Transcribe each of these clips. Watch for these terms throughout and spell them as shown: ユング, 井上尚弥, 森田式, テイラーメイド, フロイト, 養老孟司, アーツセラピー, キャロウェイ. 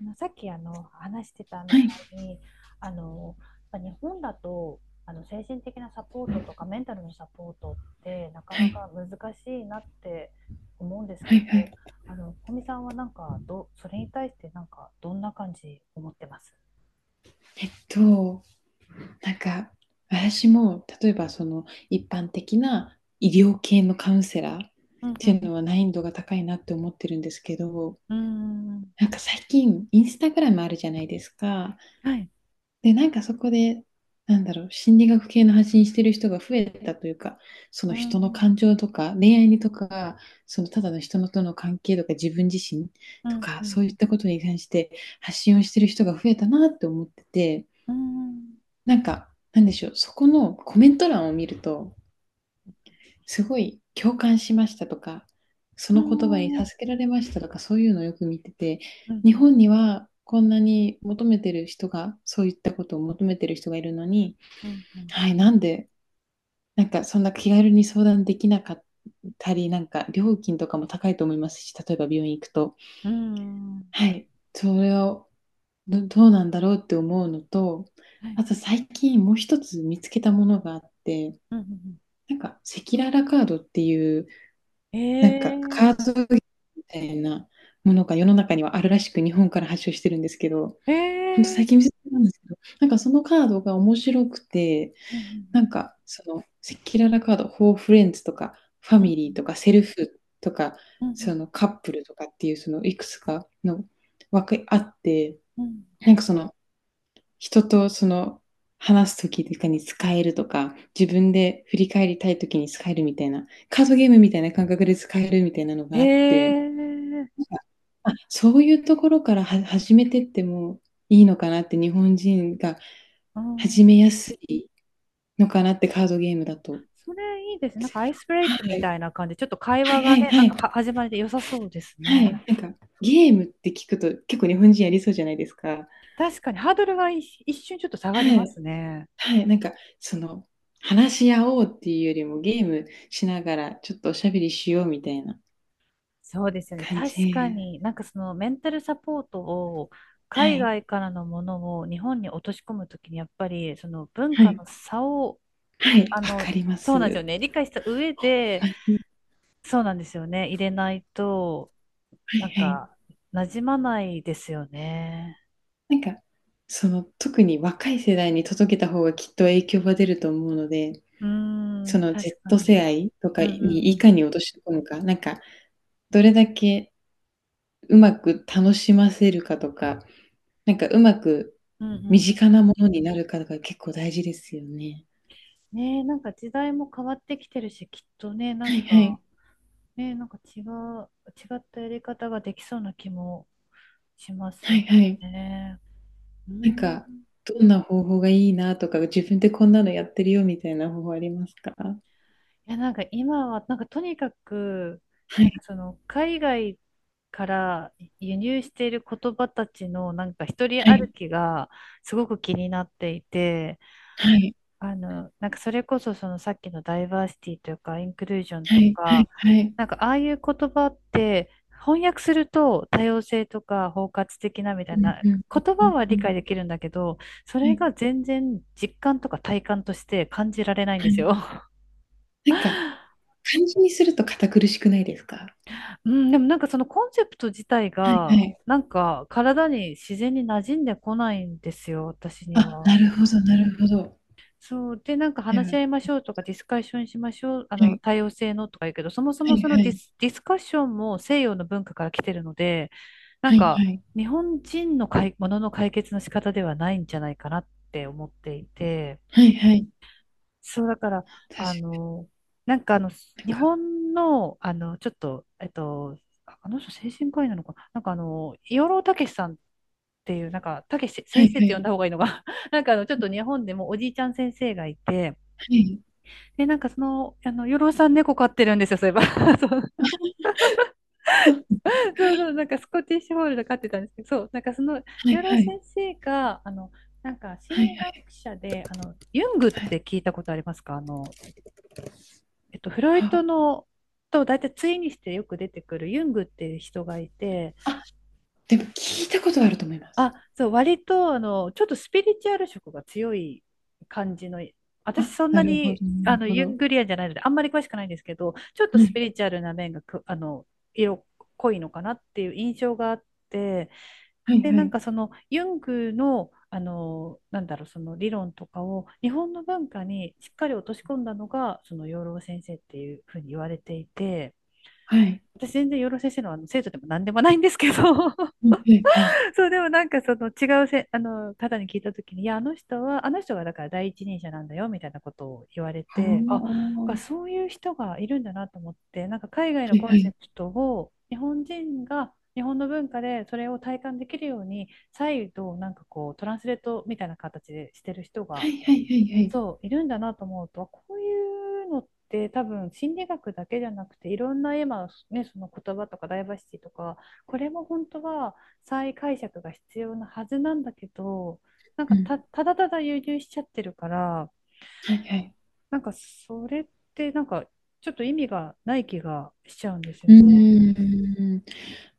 さっき話してたみはい、たいに、あのやっぱ日本だと精神的なサポートとかメンタルのサポートってなかはない、か難しいなって思うんですはけい、はど、い。小見さんはなんかそれに対してなんかどんな感じ思ってます？えっと、なんか、私も、例えば、その、一般的な医療系のカウンセラーっうんうていうのん。は難易度が高いなって思ってるんですけど、うんうーん。なんか最近、インスタグラムあるじゃないですか。はい。で、なんかそこで、なんだろう、心理学系の発信してる人が増えたというか、そうの人のん感情とか、恋愛にとか、そのただの人のとの関係とか、自分自身うとんか、うんそういったことに関して発信をしてる人が増えたなって思ってて、うんなんか、なんでしょう、そこのコメント欄を見ると、すごい共感しましたとか、そうの言葉に助んけられましたとか、そういうのをよく見てて、うんうん。日本にはこんなに求めてる人が、そういったことを求めてる人がいるのに、うんうんはい、なんで、なんかそんな気軽に相談できなかったり、なんか料金とかも高いと思いますし、例えば病院行くと、うんうん。はい、それをどうなんだろうって思うのと、はい。あと最近もう一つ見つけたものがあって、うんうん。なんか赤裸々カードっていううん。なんかカえーー。ドみたいなものが世の中にはあるらしく日本から発祥してるんですけど、えほんと最ー。近見せてもらたんですけど、なんかそのカードが面白くて、うんうなんんかその赤裸々カード、フォーフレンズとかファうんミリーとかセルフとかうそん。のカップルとかっていうそのいくつかの枠あって、うんうん。なんかその人とその話すときとかに使えるとか、自分で振り返りたいときに使えるみたいな、カードゲームみたいな感覚で使えるみたいなのへがあって、え、あ、そういうところからは始めてってもいいのかなって、日本人がう始ん、めやすいのかなって、カードゲームだと。それいいですね。なんかアイスブレイはクみい。たいな感じで、ちょっと会はい話はがいね、なはんかはい。始まりで良さそうですはい。なんね。か、ゲームって聞くと結構日本人やりそうじゃないですか。確かにハードルが一瞬ちょっと下がりはまい。すね。はい、なんか、その、話し合おうっていうよりもゲームしながらちょっとおしゃべりしようみたいなそうですよね。感確かじ。に、なんかそのメンタルサポートをは海い、外からのものを日本に落とし込むときに、やっぱりその文は化い、の差を、はい、あわかの、りまそうす。はなんですよね。理解した上で、い、そうなんですよね。入れないと、はいなんはい。か、馴染まないですよね。なんか、その、特に若い世代に届けた方がきっと影響が出ると思うので、うーそん、の 確か Z に。世代とかうんうんにういん。かに落とし込むか、なんか、どれだけうまく楽しませるかとか、なんかうまくうんう身ん。近なものになるかとか結構大事ですよね。ねえ、なんか時代も変わってきてるし、きっとね、なはんいはか、い。ねえ、違ったやり方ができそうな気もしますはいよはい。ね。うなんん。か、どんな方法がいいなとか、自分でこんなのやってるよみたいな方法ありますか？いや、なんか今は、なんかとにかく、はなんかい、その、海外から輸入している言葉たちの、なんか一人は歩い、きがすごく気になっていて、はい、なんかそれこそそのさっきのダイバーシティというかインクルージョンはとい、はか、い、はい。なんかああいう言葉って翻訳すると多様性とか包括的なみたいうんなうん言う葉んはう理んう解ん。できるんだけど、そはれい、が全然実感とか体感として感じられないんはですい。よ。なんか、漢字にすると堅苦しくないですか？うん、でもなんかそのコンセプト自体はいはがい。なんか体に自然に馴染んでこないんですよ、私にあ、は。なるほどなるほど。そう。で、なんかで話しも合いましょうとか、ディスカッションしましょう、はい、多様性のとか言うけど、そもそはもいそはのディい、ス、ディスカッションも西洋の文化から来てるので、なんはいか、はい、日本人のものの解決の仕方ではないんじゃないかなって思っていて、はいはい。そう、だから、確あかの、なんかあの、なん日か、本の、あの、ちょっと、あの人精神科医なのかな、養老孟司さんっていう、なんか、孟司は先い生っはて呼んい、だ方がいいのが ちょっと日本でもおじいちゃん先生がいて、はい、で、なんかその、養老さん猫飼ってるんですよ、そういえば。そう、そう、なんかスコティッシュフォールド飼ってたんですけど、そう、なんかその、は養い老はい、先生が、なんかは心い理はい学者で、ユングっはい。て聞いたことありますか？フロイはトあ、のと大体対にしてよく出てくるユングっていう人がいて、あ、でも聞いたことあると思います。あ、そう、割と、ちょっとスピリチュアル色が強い感じの、私あ、そんななるほに、どなるほユンど。グリアンじゃないので、あんまり詳しくないんですけど、ちょっとはスい。ピリチュアルな面がく、あの、色濃いのかなっていう印象があって、はいで、はなんい。かその、ユングの、その理論とかを、日本の文化にしっかり落とし込んだのが、その養老先生っていうふうに言われていて、はい。私全然養老先生の、あの生徒でも何でもないんですけど、うんはいはい。そう、でもなんかその違うせ、あの方に聞いたときに、いや、あの人は、あの人がだから第一人者なんだよみたいなことを言われああ。て、あ、がはそういう人がいるんだなと思って、なんか海外のいコはンセい。プトを日本人が日本の文化でそれを体感できるように、再度なんかこうトランスレートみたいな形でしてる人はがいはいはいはい。そう、いるんだなと思うと、こういうのって多分心理学だけじゃなくて、いろんな今、ね、その言葉とかダイバーシティとか、これも本当は再解釈が必要なはずなんだけど、うん。ただただ輸入しちゃってるから、はいはい。なんかそれってなんかちょっと意味がない気がしちゃうんですようーね。ん。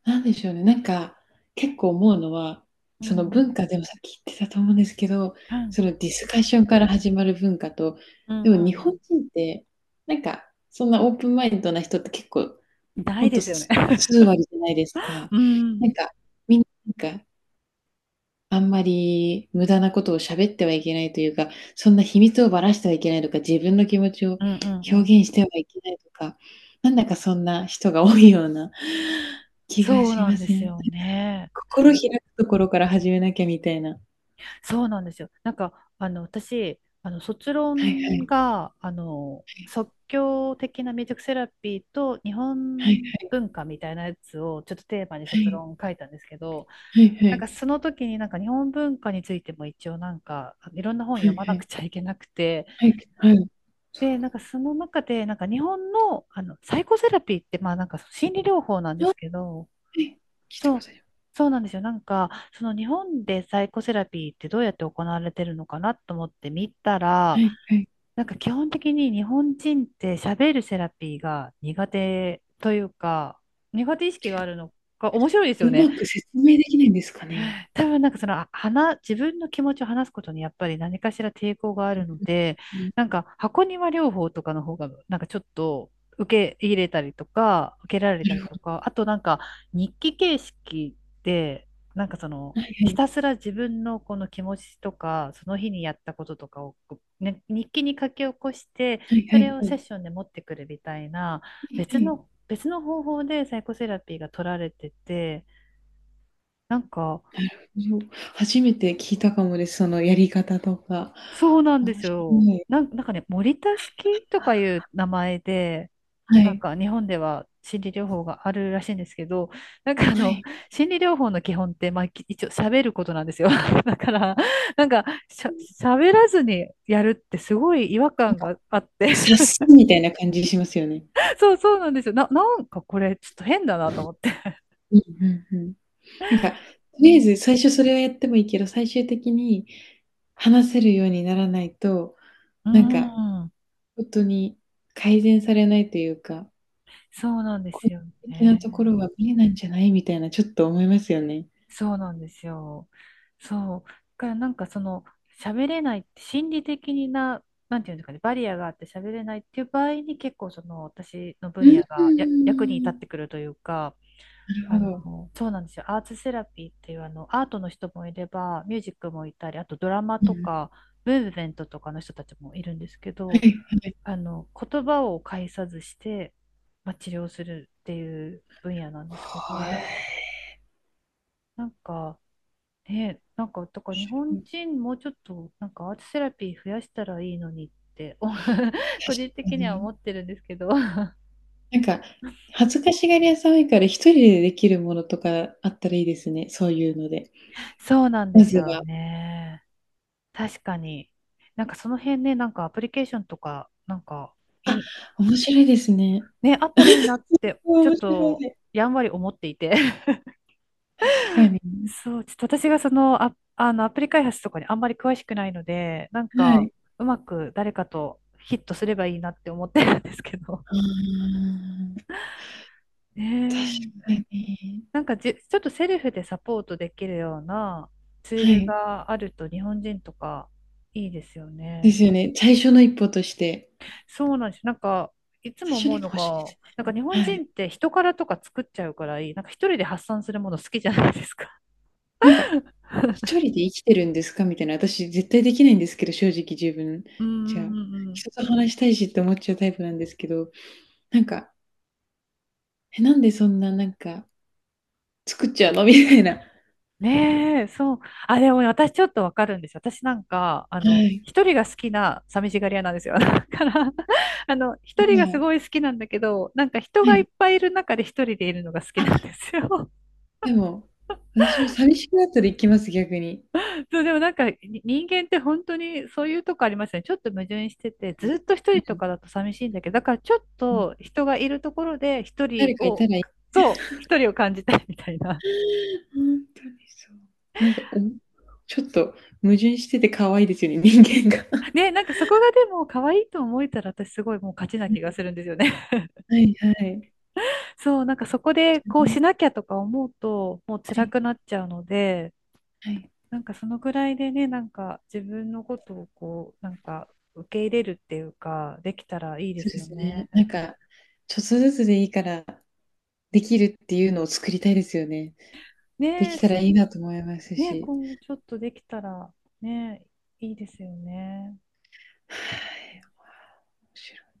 なんでしょうね。なんか、結構思うのは、うその文ん。化でもさっき言ってたと思うんですけど、うんそのディスカッションから始まる文化と、うでんもう日本ん人って、なんか、そんなオープンマインドな人って結構、うんなほいんでとすよね。す数割じゃないです か。うん。うなんんか、みんな、なんかあんまり無駄なことを喋ってはいけないというか、そんな秘密をばらしてはいけないとか、自分の気持ちをうんう表ん。現してはいけないとか、なんだかそんな人が多いような 気がそうしなんまでせん？すなんかよね。心開くところから始めなきゃみたいな。そうなんですよ。なんか、私、卒はいは論い、が、はい。即興的なミュージックセラピーと日はい本文化みたいなやつをちょっとテーマにはいは卒い。論書いたんですけど、はいはなんい。かその時になんか日本文化についても一応なんかいろんな本は読いまはなくい。ちゃいけなくて、はい、はい。そで、う。なんかその中でなんか日本の、あのサイコセラピーってまあなんか心理療法なんであ、はいはいそうすけど、あはい聞いたこそとう、ある。そうなんですよ。なんか、その日本でサイコセラピーってどうやって行われてるのかなと思って見たはら、いはい。なんか基本的に日本人って喋るセラピーが苦手というか、苦手意識があるのが面白いですようね。まく説明できないんですかね？多分なんかその、自分の気持ちを話すことにやっぱり何かしら抵抗があるので、うん、なんか箱庭療法とかの方が、なんかちょっと受け入れたりとか、受けられなたるりとほか、あとなんか日記形式で、なんかその、ど。はいはひい。たすら自分のこの気持ちとか、その日にやったこととかを、ね、日記に書き起こして、はいはそれいをはセッい。ションで持ってくるみたいな、はいはい。別の方法でサイコセラピーが取られてて、なんか、そう初めて聞いたかもです、そのやり方とか。そうなんで面す白よ。い。なんかね、森田式とかいう名前で、はなんい。か日本では心理療法があるらしいんですけど、なんかあはの、い。心理療法の基本って、まあ、一応喋ることなんですよ。だから、なんか喋らずにやるってすごい違和なん感か、があって、察すみたいな感じしますよね。そうなんですよ。なんかこれちょっと変だなと思って。うんうんうん。なんか、とうりあえん。ず最初それをやってもいいけど、最終的に話せるようにならないと、うなんか、ん。ほんとに改善されないというか、そうなんで個すよ人的なね。ところは見えないんじゃないみたいな、ちょっと思いますよね。そうなんですよ。そう。だからなんかその喋れないって心理的にな、なんていうんですかね、バリアがあって喋れないっていう場合に結構その私のう分野が役に立ーってん。くるというか、なるほど。そうなんですよ。アーツセラピーっていうあのアートの人もいれば、ミュージックもいたり、あとドラマうとん。か、ムーブメントとかの人たちもいるんですけはいど、はい。言葉を介さずして、まあ、治療するっていう分野なんですけはど、い。なんか、ね、なんか、とか日本人もうちょっと、なんかアートセラピー増やしたらいいのにって、個確人か的にはに。思ってるんですけど なんか、恥ずかしがり屋さん多いから、一人でできるものとかあったらいいですね、そういうので。そうなんでますずよは。ね。確かに。なんかその辺ね、なんかアプリケーションとか、なんかあ、いい、面白いですね。ね、あったらいいなって、ちょっ面白い。とやんわり思っていて 確かに。そう、ちょっと私がその、あのアプリ開発とかにあんまり詳しくないので、なんはかい。うまく誰かとヒットすればいいなって思ってるんですけど。ああ、確ねえ、かに。なんかじ、ちょっとセルフでサポートできるようなツーはルい。があると日本人とかいいですよでね。すよね。最初の一歩として。そうなんです。なんか、いつ最も初の思う一歩の欲しいでが、すなんかね。日本は人い。って人からとか作っちゃうからいい。なんか一人で発散するもの好きじゃないですか。なんか、一人で生きてるんですかみたいな、私絶対できないんですけど、正直自分 うんじゃ。うんうんうん。人と話したいしって思っちゃうタイプなんですけど、なんかえ、なんでそんななんか作っちゃうの？みたいな。ねえ、そう。あ、でもね私ちょっとわかるんですよ。私なんか、はい。一人が好きな寂しがり屋なんですよ。だから、一人まがすあ、ごい好きなんだけど、なんか人はがいい。っぱいいる中で一人でいるのが好きあ、なんですよ。でも、私も寂しくなったら行きます、逆に。そう、でもなんか人間って本当にそういうとこありますよね。ちょっと矛盾してて、うん。ずっと一人うとん、かだと寂しいんだけど、だからちょっと人がいるところで一人誰かいたを、らいいそう、一人を感じたいみたいな。ほんとにそう。なんか、おちょっと矛盾してて可愛いですよね、人間が。ね、なんかそこがでも可愛いと思えたら私すごいもう勝ちな気がするんですよね。はいはい。そう、なんかそこでほんことうにしなきゃとか思うと、もうは辛いくなっちゃうので、はい。なんかそのぐらいでね、なんか自分のことをこう、なんか受け入れるっていうか、できたらいいでそうすでよすね。ね。なんか、ちょっとずつでいいから、できるっていうのを作りたいですよね。でねきえ、たらそいいなと思いますね、し。今後ちょっとできたらね、いいですよね。はい。面白い。